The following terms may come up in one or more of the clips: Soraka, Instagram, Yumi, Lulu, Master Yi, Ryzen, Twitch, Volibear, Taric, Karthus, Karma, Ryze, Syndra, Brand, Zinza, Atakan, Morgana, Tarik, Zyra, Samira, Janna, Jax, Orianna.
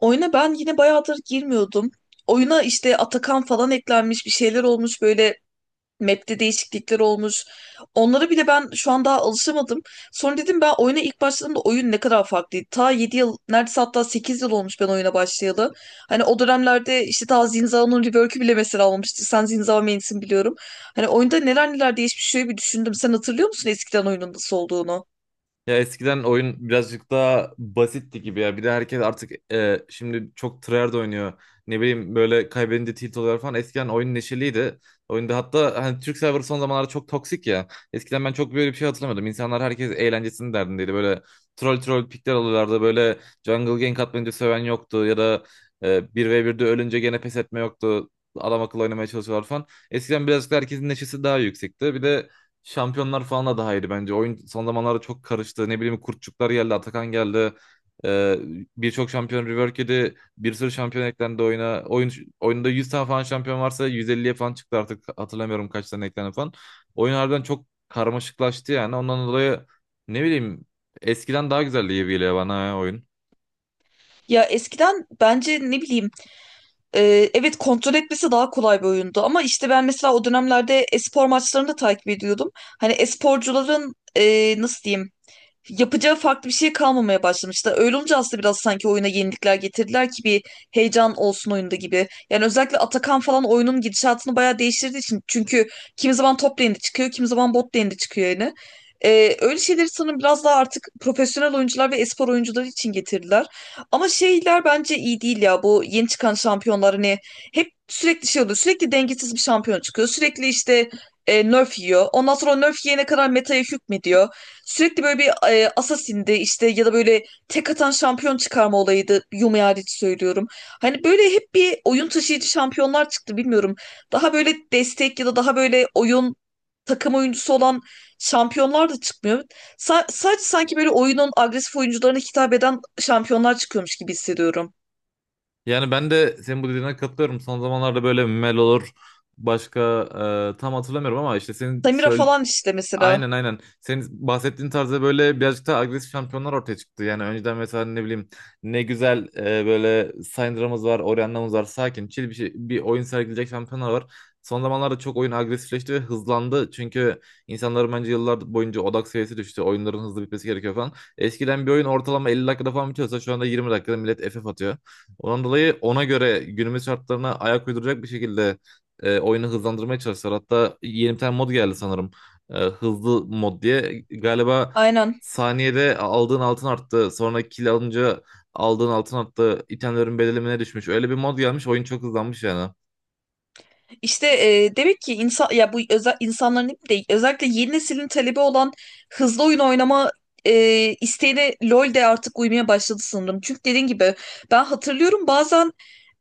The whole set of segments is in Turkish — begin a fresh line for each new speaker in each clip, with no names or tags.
Oyuna ben yine bayağıdır girmiyordum. Oyuna işte Atakan falan eklenmiş bir şeyler olmuş böyle map'te değişiklikler olmuş. Onlara bile ben şu an daha alışamadım. Sonra dedim ben oyuna ilk başladığımda oyun ne kadar farklıydı. Ta 7 yıl neredeyse, hatta 8 yıl olmuş ben oyuna başlayalı. Hani o dönemlerde işte ta Zinza'nın rework'ü bile mesela olmamıştı. Sen Zinza main'sin biliyorum. Hani oyunda neler neler değişmiş şöyle bir düşündüm. Sen hatırlıyor musun eskiden oyunun nasıl olduğunu?
Ya eskiden oyun birazcık daha basitti gibi ya. Bir de herkes artık şimdi çok tryhard oynuyor. Ne bileyim böyle kaybedince tilt oluyor falan. Eskiden oyun neşeliydi. Oyunda hatta hani Türk server son zamanlarda çok toksik ya. Eskiden ben çok böyle bir şey hatırlamıyordum. İnsanlar herkes eğlencesinin derdindeydi. Böyle troll troll pikler alıyorlardı. Böyle jungle gank atmayınca söven yoktu. Ya da 1v1'de ölünce gene pes etme yoktu. Adam akıllı oynamaya çalışıyorlar falan. Eskiden birazcık da herkesin neşesi daha yüksekti. Bir de şampiyonlar falan da daha iyiydi bence. Oyun son zamanlarda çok karıştı. Ne bileyim Kurtçuklar geldi, Atakan geldi. Ee, birçok şampiyon rework yedi. Bir sürü şampiyon eklendi oyuna. Oyunda 100 tane falan şampiyon varsa 150'ye falan çıktı artık. Hatırlamıyorum kaç tane eklendi falan. Oyun harbiden çok karmaşıklaştı yani. Ondan dolayı ne bileyim, eskiden daha güzeldi gibi geliyor bana ya oyun.
Ya eskiden bence ne bileyim. Evet, kontrol etmesi daha kolay bir oyundu ama işte ben mesela o dönemlerde espor maçlarını da takip ediyordum. Hani esporcuların nasıl diyeyim, yapacağı farklı bir şey kalmamaya başlamıştı. Öyle olunca aslında biraz sanki oyuna yenilikler getirdiler ki bir heyecan olsun oyunda gibi. Yani özellikle Atakan falan oyunun gidişatını bayağı değiştirdiği için. Çünkü kimi zaman top lane'de çıkıyor, kimi zaman bot lane'de çıkıyor yani. Öyle şeyleri sanırım biraz daha artık profesyonel oyuncular ve espor oyuncuları için getirdiler. Ama şeyler bence iyi değil ya, bu yeni çıkan şampiyonlar hani hep sürekli şey oluyor. Sürekli dengesiz bir şampiyon çıkıyor. Sürekli işte nerf yiyor. Ondan sonra o nerf yiyene kadar metaya hükmediyor. Sürekli böyle bir Assassin'di işte, ya da böyle tek atan şampiyon çıkarma olayıydı. Yumi hariç söylüyorum. Hani böyle hep bir oyun taşıyıcı şampiyonlar çıktı, bilmiyorum. Daha böyle destek ya da daha böyle oyun takım oyuncusu olan şampiyonlar da çıkmıyor. Sadece sanki böyle oyunun agresif oyuncularına hitap eden şampiyonlar çıkıyormuş gibi hissediyorum.
Yani ben de senin bu dediğine katılıyorum. Son zamanlarda böyle Mel olur. Başka tam hatırlamıyorum ama işte
Samira falan işte mesela.
aynen aynen. Senin bahsettiğin tarzda böyle birazcık daha agresif şampiyonlar ortaya çıktı. Yani önceden mesela ne bileyim ne güzel böyle Syndra'mız var, Orianna'mız var. Sakin, chill bir şey, bir oyun sergileyecek şampiyonlar var. Son zamanlarda çok oyun agresifleşti ve hızlandı. Çünkü insanların bence yıllar boyunca odak seviyesi düştü. Oyunların hızlı bitmesi gerekiyor falan. Eskiden bir oyun ortalama 50 dakikada falan bitiyorsa şu anda 20 dakikada millet FF atıyor. Ondan dolayı ona göre günümüz şartlarına ayak uyduracak bir şekilde oyunu hızlandırmaya çalıştılar. Hatta yeni bir tane mod geldi sanırım, hızlı mod diye. Galiba
Aynen.
saniyede aldığın altın arttı. Sonra kill alınca aldığın altın arttı. İtemlerin bedelimine düşmüş. Öyle bir mod gelmiş. Oyun çok hızlanmış yani.
İşte demek ki insan, ya bu özel insanların hep değil, özellikle yeni neslin talebi olan hızlı oyun oynama e, isteğine LoL de artık uymaya başladı sanırım. Çünkü dediğin gibi ben hatırlıyorum, bazen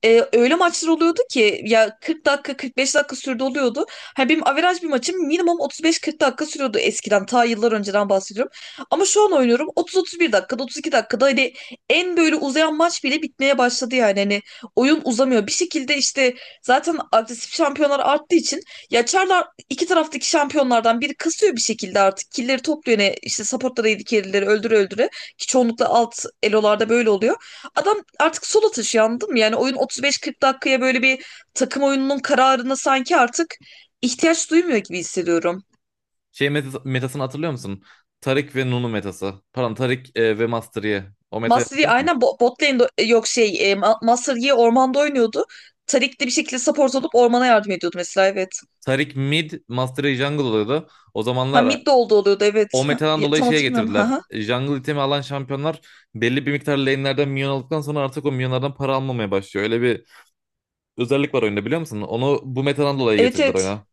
öyle maçlar oluyordu ki ya 40 dakika 45 dakika sürdü oluyordu. Hani benim averaj bir maçım minimum 35-40 dakika sürüyordu eskiden, ta yıllar önceden bahsediyorum. Ama şu an oynuyorum 30-31 dakikada, 32 dakikada hani en böyle uzayan maç bile bitmeye başladı, yani hani oyun uzamıyor. Bir şekilde işte zaten agresif şampiyonlar arttığı için ya Çarlar, iki taraftaki şampiyonlardan biri kasıyor bir şekilde artık. Killleri topluyor, ne işte supportlara, yedi carry'leri öldüre öldüre, ki çoğunlukla alt elolarda böyle oluyor. Adam artık sola taşıyor, anladın mı? Yani oyun 35-40 dakikaya böyle bir takım oyununun kararına sanki artık ihtiyaç duymuyor gibi hissediyorum.
Şey metasını hatırlıyor musun? Tarik ve Nunu metası. Pardon Tarik ve Master Yi. O metayı
Master Yi
hatırlıyor musun?
aynen bot lane'de, yok şey, Master Yi ormanda oynuyordu. Tarik de bir şekilde support olup ormana yardım ediyordu mesela, evet.
Tarik mid, Master Yi jungle oluyordu. O
Ha,
zamanlar
mid de oldu oluyordu, evet.
o
Ha,
metadan dolayı
tam
şeye
hatırlamıyorum. Ha
getirdiler.
ha.
Jungle itemi alan şampiyonlar belli bir miktar lane'lerden minyon aldıktan sonra artık o minyonlardan para almamaya başlıyor. Öyle bir özellik var oyunda biliyor musun? Onu bu metadan dolayı
Evet,
getirdiler
evet.
oyuna.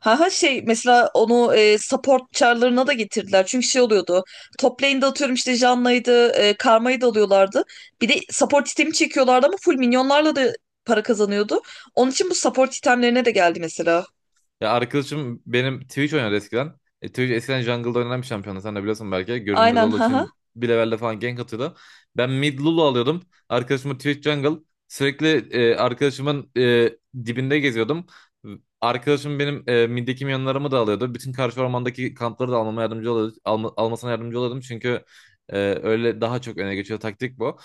Ha ha, şey mesela onu support çarlarına da getirdiler. Çünkü şey oluyordu. Top lane'de atıyorum işte Janna'ydı, Karma'yı da alıyorlardı. Bir de support itemi çekiyorlardı ama full minyonlarla da para kazanıyordu. Onun için bu support itemlerine de geldi mesela.
Ya arkadaşım benim Twitch oynadı eskiden. E, Twitch eskiden jungle'da oynanan bir şampiyonu. Sen de biliyorsun belki. Görünmez
Aynen,
olduğu
ha ha.
için bir levelde falan gank atıyordu. Ben mid Lulu alıyordum. Arkadaşımı Twitch jungle. Sürekli arkadaşımın dibinde geziyordum. Arkadaşım benim middeki minyonlarımı da alıyordu. Bütün karşı ormandaki kampları da almama yardımcı oluyordu. Almasına yardımcı oluyordum. Çünkü e, öyle daha çok öne geçiyor taktik bu.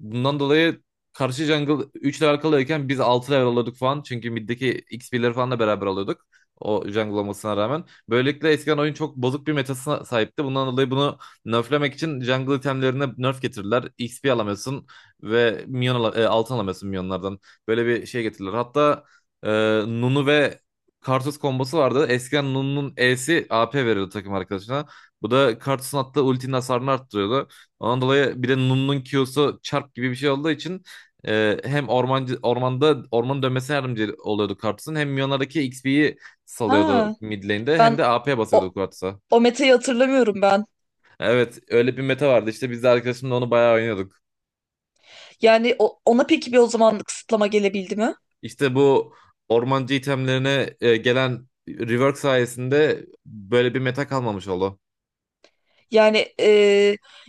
Bundan dolayı karşı jungle 3 level kalıyorken biz 6 level alıyorduk falan. Çünkü middeki XP'leri falan da beraber alıyorduk. O jungle olmasına rağmen. Böylelikle eskiden oyun çok bozuk bir metasına sahipti. Bundan dolayı bunu nerflemek için jungle itemlerine nerf getirdiler. XP alamıyorsun ve altın alamıyorsun minyonlardan. Böyle bir şey getirdiler. Hatta e, Nunu ve Karthus kombosu vardı. Eskiden Nunu'nun E'si AP veriyordu takım arkadaşına. Bu da Karthus'un attığı ultinin hasarını arttırıyordu. Ondan dolayı bir de Nunu'nun Q'su çarp gibi bir şey olduğu için ormanda ormanın dönmesine yardımcı oluyordu Karthus'un, hem minyonlardaki XP'yi salıyordu
Ha,
mid lane'de hem de
ben
AP
o,
basıyordu Quattro.
o metayı hatırlamıyorum ben.
Evet öyle bir meta vardı işte, biz de arkadaşımla onu bayağı oynuyorduk.
Yani ona peki bir o zaman kısıtlama gelebildi mi?
İşte bu ormancı itemlerine gelen rework sayesinde böyle bir meta kalmamış oldu.
Yani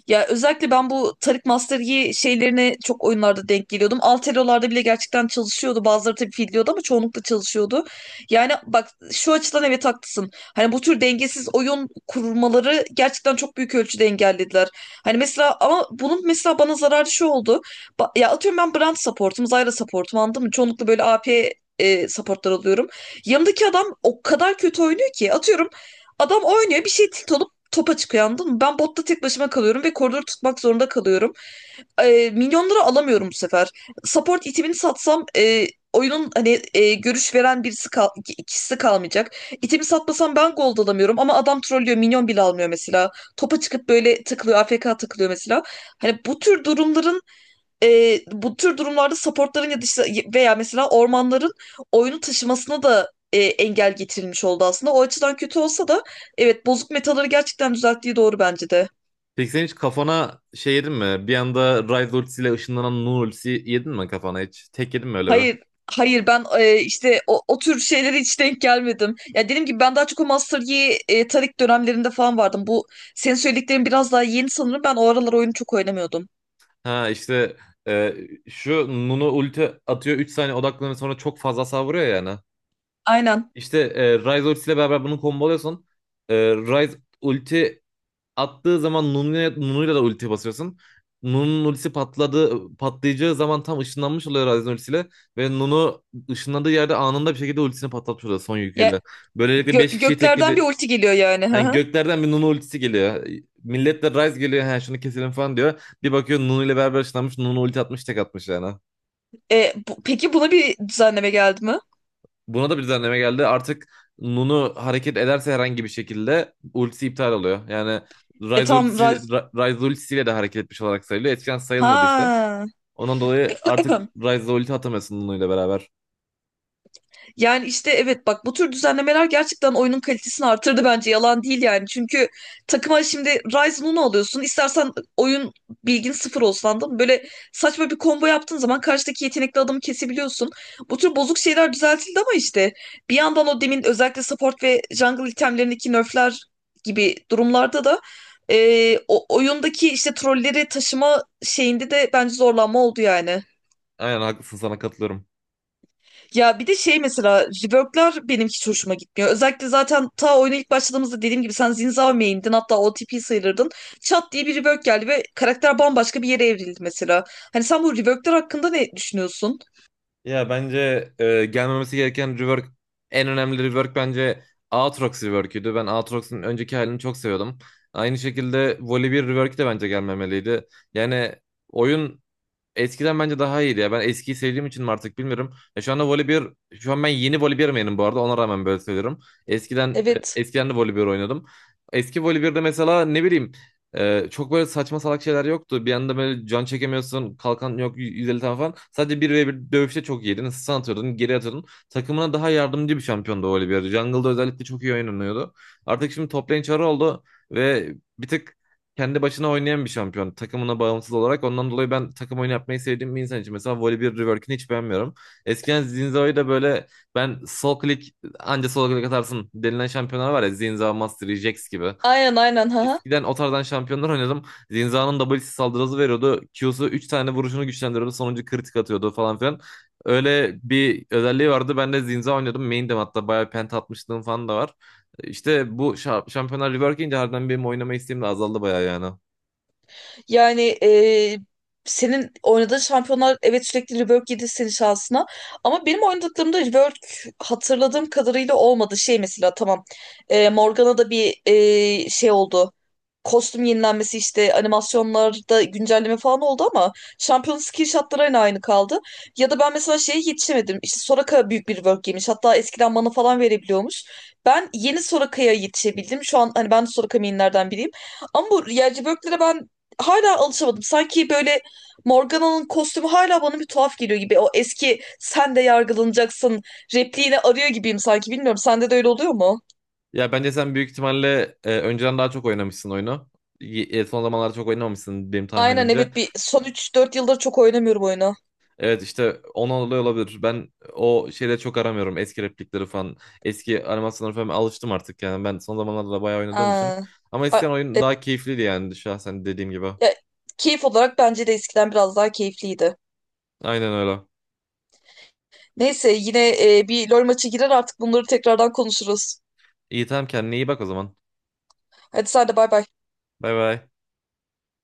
ya özellikle ben bu Tarık Master Yi şeylerine çok oyunlarda denk geliyordum. Altero'larda bile gerçekten çalışıyordu. Bazıları tabii fidliyordu ama çoğunlukla çalışıyordu. Yani bak şu açıdan evet haklısın. Hani bu tür dengesiz oyun kurmaları gerçekten çok büyük ölçüde engellediler. Hani mesela, ama bunun mesela bana zararı şu oldu. Ya atıyorum ben Brand support'um, Zyra support'um, anladın mı? Çoğunlukla böyle AP support'lar alıyorum. Yanımdaki adam o kadar kötü oynuyor ki, atıyorum, adam oynuyor bir şey, tilt olup topa çıkıyor, anladın mı? Ben botta tek başıma kalıyorum ve koridoru tutmak zorunda kalıyorum. Milyonları alamıyorum bu sefer. Support itemini satsam oyunun hani görüş veren birisi kal, ikisi kalmayacak. İtemi satmasam ben gold alamıyorum ama adam trollüyor, minyon bile almıyor mesela. Topa çıkıp böyle tıklıyor, AFK tıklıyor mesela. Hani bu tür durumlarda supportların ya da işte veya mesela ormanların oyunu taşımasına da engel getirilmiş oldu aslında. O açıdan kötü olsa da evet, bozuk metaları gerçekten düzelttiği doğru bence de.
Peki sen hiç kafana şey yedin mi? Bir anda Ryze ultisiyle ışınlanan Nun ultisi yedin mi kafana hiç? Tek yedin mi öyle bir?
Hayır, hayır, ben işte o tür şeylere hiç denk gelmedim. Ya dediğim gibi ben daha çok o Master Yi Taric dönemlerinde falan vardım. Bu senin söylediklerin biraz daha yeni sanırım. Ben o aralar oyunu çok oynamıyordum.
Ha işte, e, şu Nunu ulti atıyor 3 saniye odaklanıyor sonra çok fazla savuruyor yani.
Aynen.
İşte Ryze ultisiyle beraber bunu komboluyorsun. Ryze ulti attığı zaman Nunu'ya, Nunu'yla da ulti basıyorsun. Patlayacağı zaman tam ışınlanmış oluyor Ryzen ultisiyle. Ve Nunu ışınlandığı yerde anında bir şekilde ultisini patlatmış oluyor son yüküyle.
Ya
Böylelikle 5 kişiyi
göklerden bir
tekledi.
ulti geliyor yani. Hı
Yani
hı.
göklerden bir Nunu ultisi geliyor. Millet de Ryze geliyor ha şunu keselim falan diyor. Bir bakıyor Nunu ile beraber ışınlanmış, Nunu ulti atmış tek atmış yani.
Peki buna bir düzenleme geldi mi?
Buna da bir düzenleme geldi. Artık Nunu hareket ederse herhangi bir şekilde ultisi iptal oluyor. Yani
E tam
Ryze ultisiyle de hareket etmiş olarak sayılıyor. Eskiden sayılmıyordu işte.
Ha.
Ondan dolayı artık Ryze'da ulti atamıyorsun Nunu'yla beraber.
Yani işte evet bak, bu tür düzenlemeler gerçekten oyunun kalitesini artırdı bence, yalan değil yani. Çünkü takıma şimdi Ryzen 10 alıyorsun. İstersen oyun bilgin sıfır olsun, anladın mı? Böyle saçma bir combo yaptığın zaman karşıdaki yetenekli adamı kesebiliyorsun. Bu tür bozuk şeyler düzeltildi ama işte bir yandan o demin, özellikle support ve jungle itemlerindeki nerfler gibi durumlarda da oyundaki işte trolleri taşıma şeyinde de bence zorlanma oldu yani.
Aynen haklısın, sana katılıyorum.
Ya bir de şey mesela, rework'lar benim hiç hoşuma gitmiyor. Özellikle zaten ta oyuna ilk başladığımızda dediğim gibi sen Zinzao main'din, hatta OTP sayılırdın. Çat diye bir rework geldi ve karakter bambaşka bir yere evrildi mesela. Hani sen bu rework'lar hakkında ne düşünüyorsun?
Ya bence gelmemesi gereken rework, en önemli rework bence Aatrox rework'üydü. Ben Aatrox'un önceki halini çok seviyordum. Aynı şekilde Volibear rework de bence gelmemeliydi. Yani oyun eskiden bence daha iyiydi ya. Ben eskiyi sevdiğim için mi artık bilmiyorum. Ya şu anda voleybol, şu an ben yeni voleybolmenim bu arada. Ona rağmen böyle söylüyorum. Eskiden
Evet.
eskiden de voleybol oynadım. Eski voleybolde mesela ne bileyim, çok böyle saçma salak şeyler yoktu. Bir anda böyle can çekemiyorsun. Kalkan yok 150 tane falan. Sadece bir ve bir dövüşte çok iyiydin. Sen atıyordun, geri atıyordun. Takımına daha yardımcı bir şampiyondu voleybol. Jungle'da özellikle çok iyi oynanıyordu. Artık şimdi top lane çarı oldu ve bir tık kendi başına oynayan bir şampiyon. Takımına bağımsız olarak. Ondan dolayı ben takım oyunu yapmayı sevdiğim bir insan için mesela Volibear Rework'ini hiç beğenmiyorum. Eskiden Zinza'yı da böyle, ben sol klik anca sol klik atarsın denilen şampiyonlar var ya, Zinza, Mastery, Jax gibi.
Aynen, aynen, ha.
Eskiden o tarzdan şampiyonlar oynadım. Zinza'nın W'si saldırısı veriyordu. Q'su 3 tane vuruşunu güçlendiriyordu. Sonuncu kritik atıyordu falan filan. Öyle bir özelliği vardı. Ben de Zinza oynuyordum. Main'dim, hatta bayağı penta atmışlığım falan da var. İşte bu şampiyonlar rework ince harbiden benim oynama isteğim de azaldı bayağı yani.
Yani senin oynadığın şampiyonlar evet sürekli rework yedi senin şansına. Ama benim oynadıklarımda rework hatırladığım kadarıyla olmadı. Şey mesela, tamam, Morgana'da bir şey oldu. Kostüm yenilenmesi işte animasyonlarda güncelleme falan oldu ama şampiyon skill shotları yine aynı kaldı. Ya da ben mesela şeye yetişemedim. İşte Soraka büyük bir rework yemiş. Hatta eskiden mana falan verebiliyormuş. Ben yeni Soraka'ya yetişebildim. Şu an hani ben de Soraka mainlerden biriyim. Ama bu yerci böklere ben hala alışamadım. Sanki böyle Morgana'nın kostümü hala bana bir tuhaf geliyor gibi. O eski "sen de yargılanacaksın" repliğini arıyor gibiyim sanki. Bilmiyorum, sende de öyle oluyor mu?
Ya bence sen büyük ihtimalle önceden daha çok oynamışsın oyunu. Son zamanlarda çok oynamamışsın benim
Aynen,
tahminimce.
evet, bir son üç dört yıldır çok oynamıyorum oyunu.
Evet işte ona oluyor olabilir. Ben o şeyleri çok aramıyorum. Eski replikleri falan. Eski animasyonları falan alıştım artık yani. Ben son zamanlarda da bayağı oynadığım için.
Ha.
Ama eskiden
A-
oyun
e,
daha keyifliydi yani şahsen dediğim gibi.
e, Keyif olarak bence de eskiden biraz daha keyifliydi.
Aynen öyle.
Neyse yine bir LoL maçı girer artık, bunları tekrardan konuşuruz.
İyi tamam, kendine iyi bak o zaman.
Hadi sen de bay bay.
Bay bay.